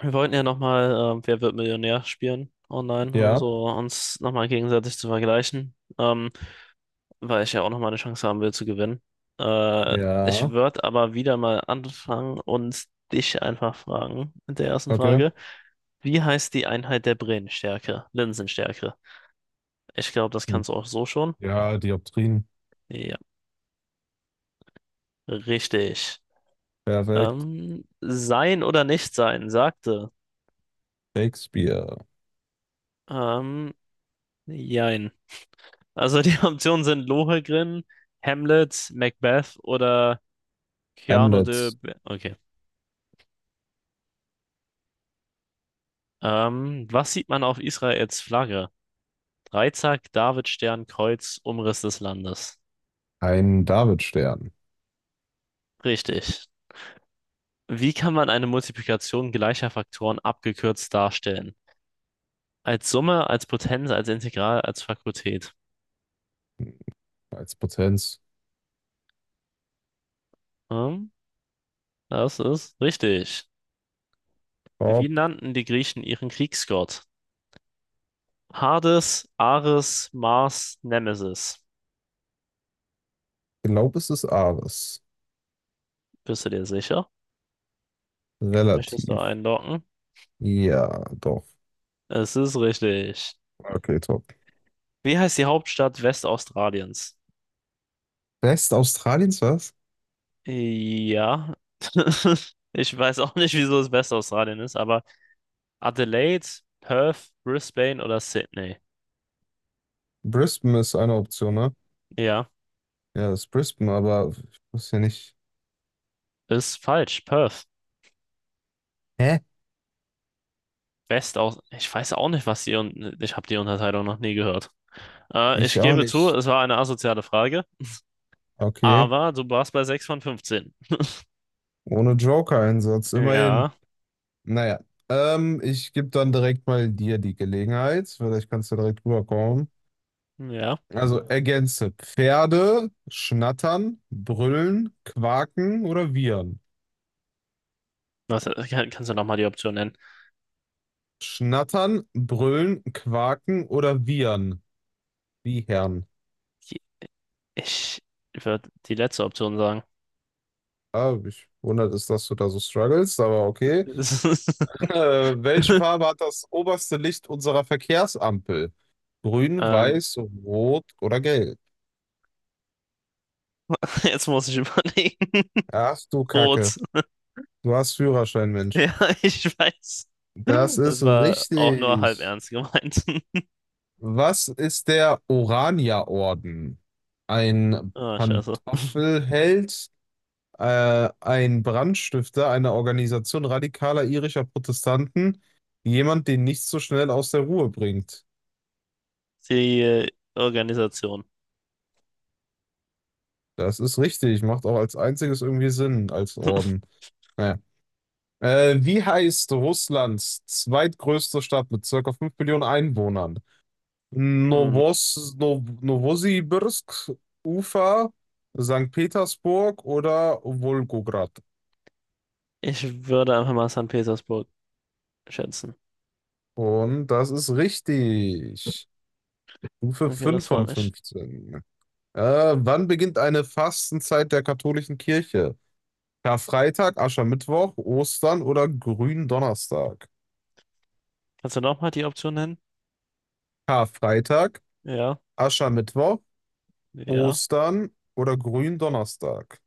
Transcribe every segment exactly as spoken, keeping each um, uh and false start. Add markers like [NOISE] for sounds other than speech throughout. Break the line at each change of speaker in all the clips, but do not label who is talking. Wir wollten ja nochmal äh, Wer wird Millionär spielen online, um
Ja,
so uns nochmal gegenseitig zu vergleichen, ähm, weil ich ja auch nochmal eine Chance haben will zu gewinnen. Äh, Ich
ja,
würde aber wieder mal anfangen und dich einfach fragen mit der ersten
okay.
Frage. Wie heißt die Einheit der Brennstärke? Linsenstärke. Ich glaube, das
Hm.
kannst du auch so schon.
Ja, Dioptrien,
Ja, richtig.
perfekt.
Ähm, sein oder nicht sein, sagte.
Shakespeare,
Ähm, Jein. Also die [LAUGHS] Optionen sind Lohengrin, Hamlet, Macbeth oder Cyrano de...
Hamlet,
Be- Okay. Ähm, was sieht man auf Israels Flagge? Dreizack, Davidstern, Kreuz, Umriss des Landes.
ein Davidstern
Richtig. Wie kann man eine Multiplikation gleicher Faktoren abgekürzt darstellen? Als Summe, als Potenz, als Integral, als Fakultät.
als Potenz.
Hm? Das ist richtig. Wie
Top.
nannten die Griechen ihren Kriegsgott? Hades, Ares, Mars, Nemesis.
Glaub es ist Ares.
Bist du dir sicher? Möchtest du
Relativ.
einloggen?
Ja, doch.
Es ist richtig.
Okay, top.
Wie heißt die Hauptstadt Westaustraliens?
West Australiens, was?
Ja. [LAUGHS] Ich weiß auch nicht, wieso es Westaustralien ist, aber Adelaide, Perth, Brisbane oder Sydney?
Brisbane ist eine Option, ne?
Ja,
Ja, das ist Brisbane, aber ich wusste ja nicht.
ist falsch. Perth.
Hä?
Westaus. Ich weiß auch nicht, was die und ich habe die Unterteilung noch nie gehört. Äh,
Ich
ich
auch
gebe zu,
nicht.
es war eine asoziale Frage,
Okay.
aber du warst bei sechs von fünfzehn.
Ohne Joker-Einsatz, immerhin.
Ja,
Naja, ähm, ich gebe dann direkt mal dir die Gelegenheit. Vielleicht kannst du direkt rüberkommen.
ja.
Also ergänze. Pferde schnattern, brüllen, quaken oder wiehern.
Was, äh, kann, kannst du nochmal die Option nennen?
Schnattern, brüllen, quaken oder wiehern. Wiehern.
Ich würde die letzte Option sagen.
Ah, mich wundert es, dass du da so struggles, aber okay. Äh,
[LAUGHS]
welche Farbe hat das oberste Licht unserer Verkehrsampel? Grün,
Ähm,
weiß, rot oder gelb?
Jetzt muss ich [LAUGHS] überlegen.
Ach du Kacke.
Rot.
Du hast Führerschein, Mensch.
Ja, ich weiß.
Das
Das
ist
war auch nur halb
richtig.
ernst gemeint. [LAUGHS]
Was ist der Orania-Orden? Ein
Oh, scheiße.
Pantoffelheld, äh, ein Brandstifter einer Organisation radikaler irischer Protestanten, jemand, den nichts so schnell aus der Ruhe bringt.
Die äh, Organisation.
Das ist richtig, macht auch als einziges irgendwie Sinn als Orden.
[LAUGHS]
Naja. Äh, wie heißt Russlands zweitgrößte Stadt mit circa fünf Millionen Einwohnern?
Hm.
Novos, Nov Novosibirsk, Ufa, Sankt Petersburg oder Wolgograd.
Ich würde einfach mal Sankt Petersburg schätzen.
Und das ist richtig. Stufe
Okay,
fünf
das freut
von
mich.
fünfzehn. Äh, wann beginnt eine Fastenzeit der katholischen Kirche? Karfreitag, Aschermittwoch, Ostern oder Gründonnerstag?
Kannst du nochmal die Option nennen?
Karfreitag,
Ja,
Aschermittwoch,
ja.
Ostern oder Gründonnerstag?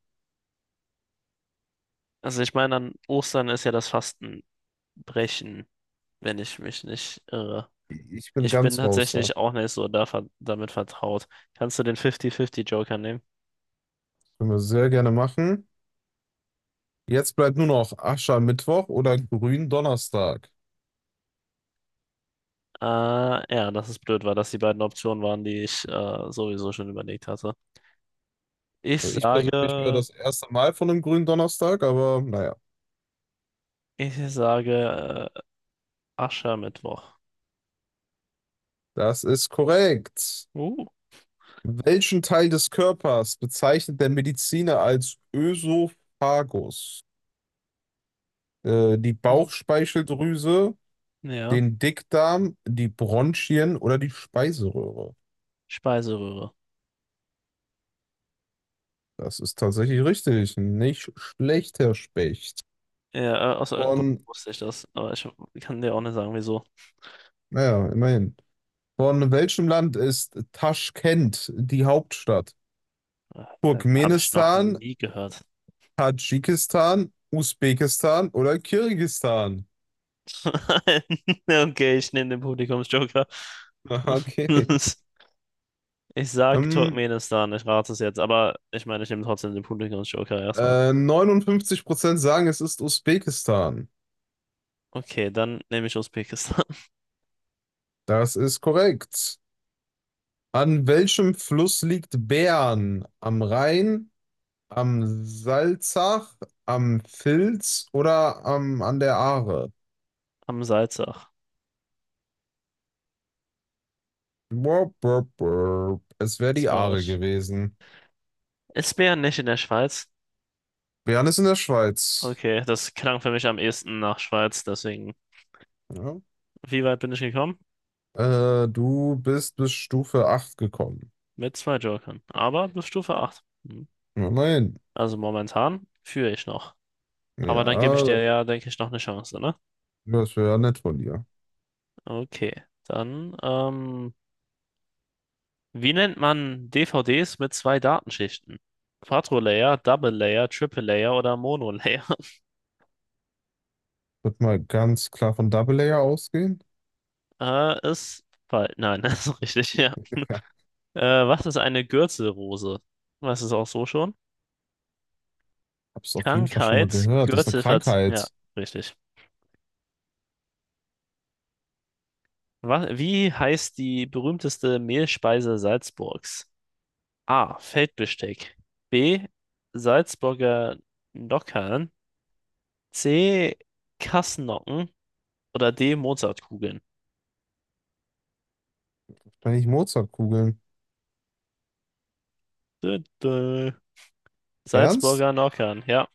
Also ich meine, an Ostern ist ja das Fastenbrechen, wenn ich mich nicht irre.
Ich bin
Ich bin
ganz raus da.
tatsächlich auch nicht so da, ver- damit vertraut. Kannst du den fünfzig fünfzig-Joker nehmen?
Können wir sehr gerne machen. Jetzt bleibt nur noch Aschermittwoch oder Gründonnerstag.
Äh, ja, dass es blöd war, dass die beiden Optionen waren, die ich äh, sowieso schon überlegt hatte. Ich
Also ich persönlich höre
sage,
das erste Mal von einem Gründonnerstag, aber naja,
ich sage äh, Aschermittwoch.
das ist korrekt.
Uh,
Welchen Teil des Körpers bezeichnet der Mediziner als Ösophagus? Äh, die
Wieso?
Bauchspeicheldrüse,
Ja,
den Dickdarm, die Bronchien oder die Speiseröhre?
Speiseröhre.
Das ist tatsächlich richtig. Nicht schlecht, Herr Specht.
Ja, äh, aus irgendeinem Grund
Von,
wusste ich das, aber ich kann dir auch nicht sagen, wieso.
naja, immerhin. Von welchem Land ist Taschkent die Hauptstadt?
Äh, äh, Habe ich noch
Turkmenistan,
nie gehört.
Tadschikistan, Usbekistan oder Kirgisistan?
[LAUGHS] Okay, ich nehme den Publikumsjoker.
Aha, [LAUGHS] Okay.
[LAUGHS] Ich sag
Ähm,
Turkmenistan, ich rate es jetzt, aber ich meine, ich nehme trotzdem den Publikumsjoker erstmal.
äh, neunundfünfzig Prozent sagen, es ist Usbekistan.
Okay, dann nehme ich Usbekistan.
Das ist korrekt. An welchem Fluss liegt Bern? Am Rhein, am Salzach, am Filz oder am, an der Aare?
[LAUGHS] Am Salzach.
Burp, burp, burp. Es wäre die Aare
Traurig.
gewesen.
Ist Bern nicht in der Schweiz?
Bern ist in der Schweiz.
Okay, das klang für mich am ehesten nach Schweiz, deswegen.
Ja.
Wie weit bin ich gekommen?
Äh, du bist bis Stufe acht gekommen.
Mit zwei Jokern, aber bis Stufe acht. Hm.
Immerhin.
Also momentan führe ich noch. Aber
Ja,
dann gebe ich dir
dann-
ja, denke ich, noch eine Chance, ne?
das wäre ja nett von dir.
Okay, dann ähm, wie nennt man D V Ds mit zwei Datenschichten? Quadro-Layer, Double-Layer, Triple-Layer oder Mono-Layer? [LAUGHS]
Wird mal ganz klar von Double Layer ausgehen.
Äh, ist falsch. Nein, [LAUGHS] das ist richtig, ja.
Ja,
Äh, was ist eine Gürtelrose? Was ist auch so schon?
hab's auf jeden Fall schon mal
Krankheit,
gehört. Das ist eine
Gürtelverzieh. Ja,
Krankheit.
richtig. Was, wie heißt die berühmteste Mehlspeise Salzburgs? A. Feldbesteck. B. Salzburger Nockern. C. Kassnocken. Oder D. Mozartkugeln.
Wahrscheinlich Mozartkugeln.
Dö, dö.
Ernst?
Salzburger Nockern, ja.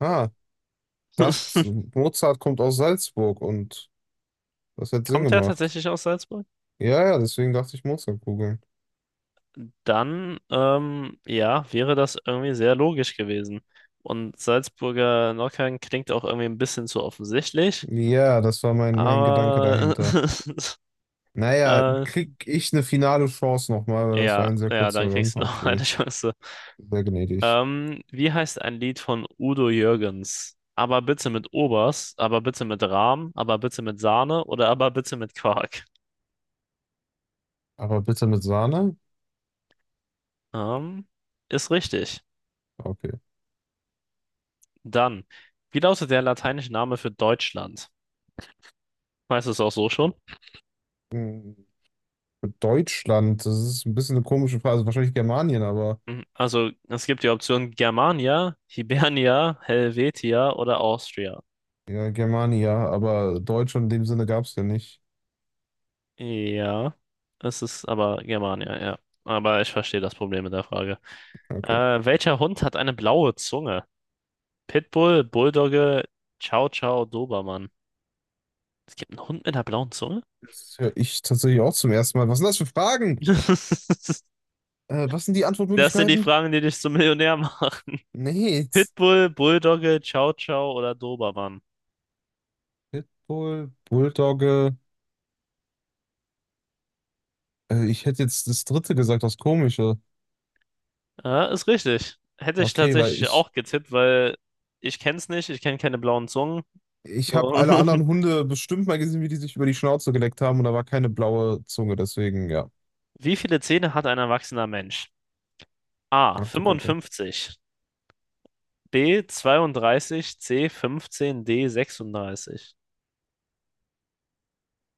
Ah,
[LAUGHS]
dachte, Mozart kommt aus Salzburg und das hätte Sinn
Kommt er
gemacht.
tatsächlich aus Salzburg?
Ja, ja, deswegen dachte ich Mozartkugeln.
Dann, ähm, ja, wäre das irgendwie sehr logisch gewesen. Und Salzburger Nockern klingt auch irgendwie ein bisschen zu offensichtlich,
Ja, das war mein, mein Gedanke
aber
dahinter.
[LAUGHS]
Naja,
äh,
krieg ich eine finale Chance nochmal, weil das
ja,
war ein sehr
ja,
kurzer
dann
Run.
kriegst du [LAUGHS] noch
Okay,
eine Chance.
sehr gnädig.
Ähm, wie heißt ein Lied von Udo Jürgens? Aber bitte mit Obers, aber bitte mit Rahm, aber bitte mit Sahne oder aber bitte mit Quark?
Aber bitte mit Sahne?
Ähm, Ist richtig.
Okay.
Dann, wie lautet der lateinische Name für Deutschland? Weißt du es auch so schon?
Hm, Deutschland, das ist ein bisschen eine komische Frage. Also wahrscheinlich Germanien, aber
Mhm. Also, es gibt die Option Germania, Hibernia, Helvetia oder Austria.
ja, Germania, aber Deutschland in dem Sinne gab es ja nicht.
Ja, es ist aber Germania, ja. Aber ich verstehe das Problem mit der Frage.
Okay.
Äh, welcher Hund hat eine blaue Zunge? Pitbull, Bulldogge, Chow Chow, Dobermann. Es gibt einen Hund mit einer blauen Zunge?
Das höre ich tatsächlich auch zum ersten Mal. Was sind das für Fragen?
[LAUGHS]
Äh, was sind die
Das sind die
Antwortmöglichkeiten?
Fragen, die dich zum Millionär machen.
Nee.
Pitbull, Bulldogge, Chow Chow oder Dobermann?
Pitbull, Bulldogge. Äh, ich hätte jetzt das dritte gesagt, das Komische.
Ja, ist richtig. Hätte ich
Okay, weil
tatsächlich
ich
auch getippt, weil ich kenne es nicht, ich kenne keine blauen Zungen.
Ich habe
So.
alle
[LAUGHS]
anderen Hunde bestimmt mal gesehen, wie die sich über die Schnauze geleckt haben und da war keine blaue Zunge, deswegen ja.
Wie viele Zähne hat ein erwachsener Mensch? A.
Ach du Kacke.
fünfundfünfzig B. zweiunddreißig C. fünfzehn D. sechsunddreißig.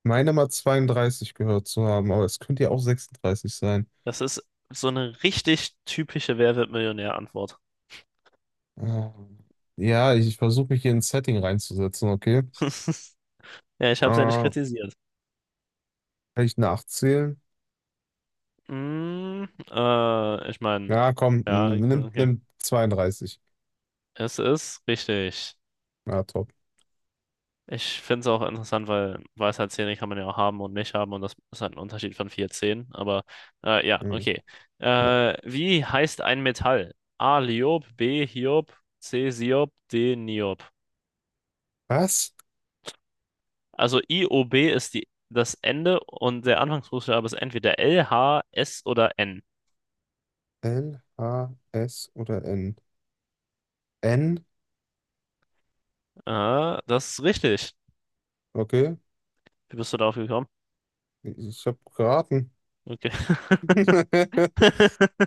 Meine mal zweiunddreißig gehört zu haben, aber es könnte ja auch sechsunddreißig sein.
Das ist so eine richtig typische Wer wird Millionär-Antwort.
Ah. Ja, ich, ich versuche mich hier in ein Setting reinzusetzen, okay? Äh,
[LAUGHS] Ja, ich habe es ja nicht
kann
kritisiert.
ich nachzählen?
Mm, äh, Ich meine,
Ja, komm,
ja,
n- nimm,
okay.
nimm zweiunddreißig.
Es ist richtig.
Ja, top.
Ich finde es auch interessant, weil Weisheitszähne kann man ja auch haben und nicht haben und das ist halt ein Unterschied von vier Zähnen. Aber äh, ja,
Mhm.
okay.
Ja.
Äh, wie heißt ein Metall? A. Liob, B. Hiob, C. Siob, D. Niob.
Was?
Also I O B ist die, das Ende und der Anfangsbuchstabe ist entweder L, H, S oder N.
L, H, S oder N? N?
Ah, das ist richtig.
Okay.
Wie bist du darauf gekommen?
Ich, ich habe geraten.
Okay.
[LAUGHS]
[LAUGHS]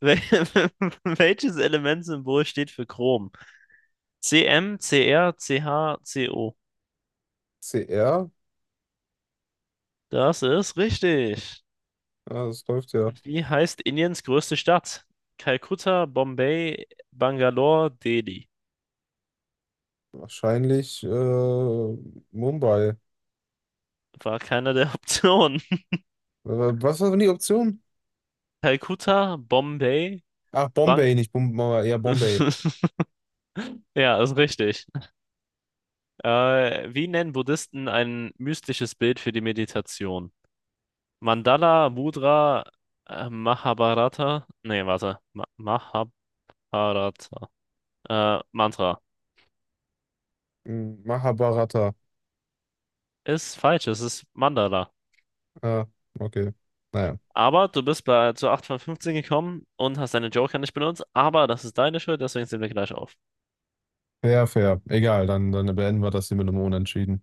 Wel- [LAUGHS] Welches Elementsymbol steht für Chrom? C C M C R C H C O.
C R.
Das ist richtig.
Ja, das läuft ja.
Und wie heißt Indiens größte Stadt? Kalkutta, Bombay, Bangalore, Delhi.
Wahrscheinlich äh, Mumbai. Äh,
War keine der Optionen.
Was war denn die Option?
[LAUGHS] Kalkutta, Bombay,
Ach,
Bang.
Bombay, nicht Bombay. Ja, Bombay.
[LAUGHS] Ja, ist richtig. Äh, wie nennen Buddhisten ein mystisches Bild für die Meditation? Mandala, Mudra, äh, Mahabharata. Nee, warte. Ma Mahabharata. Äh, Mantra.
Hm, Mahabharata.
Ist falsch, es ist Mandala.
Ja, okay. Naja.
Aber du bist bei, zu acht von fünfzehn gekommen und hast deine Joker nicht benutzt. Aber das ist deine Schuld, deswegen sind wir gleich auf.
Fair, fair. Egal, dann, dann beenden wir das hier mit einem Unentschieden.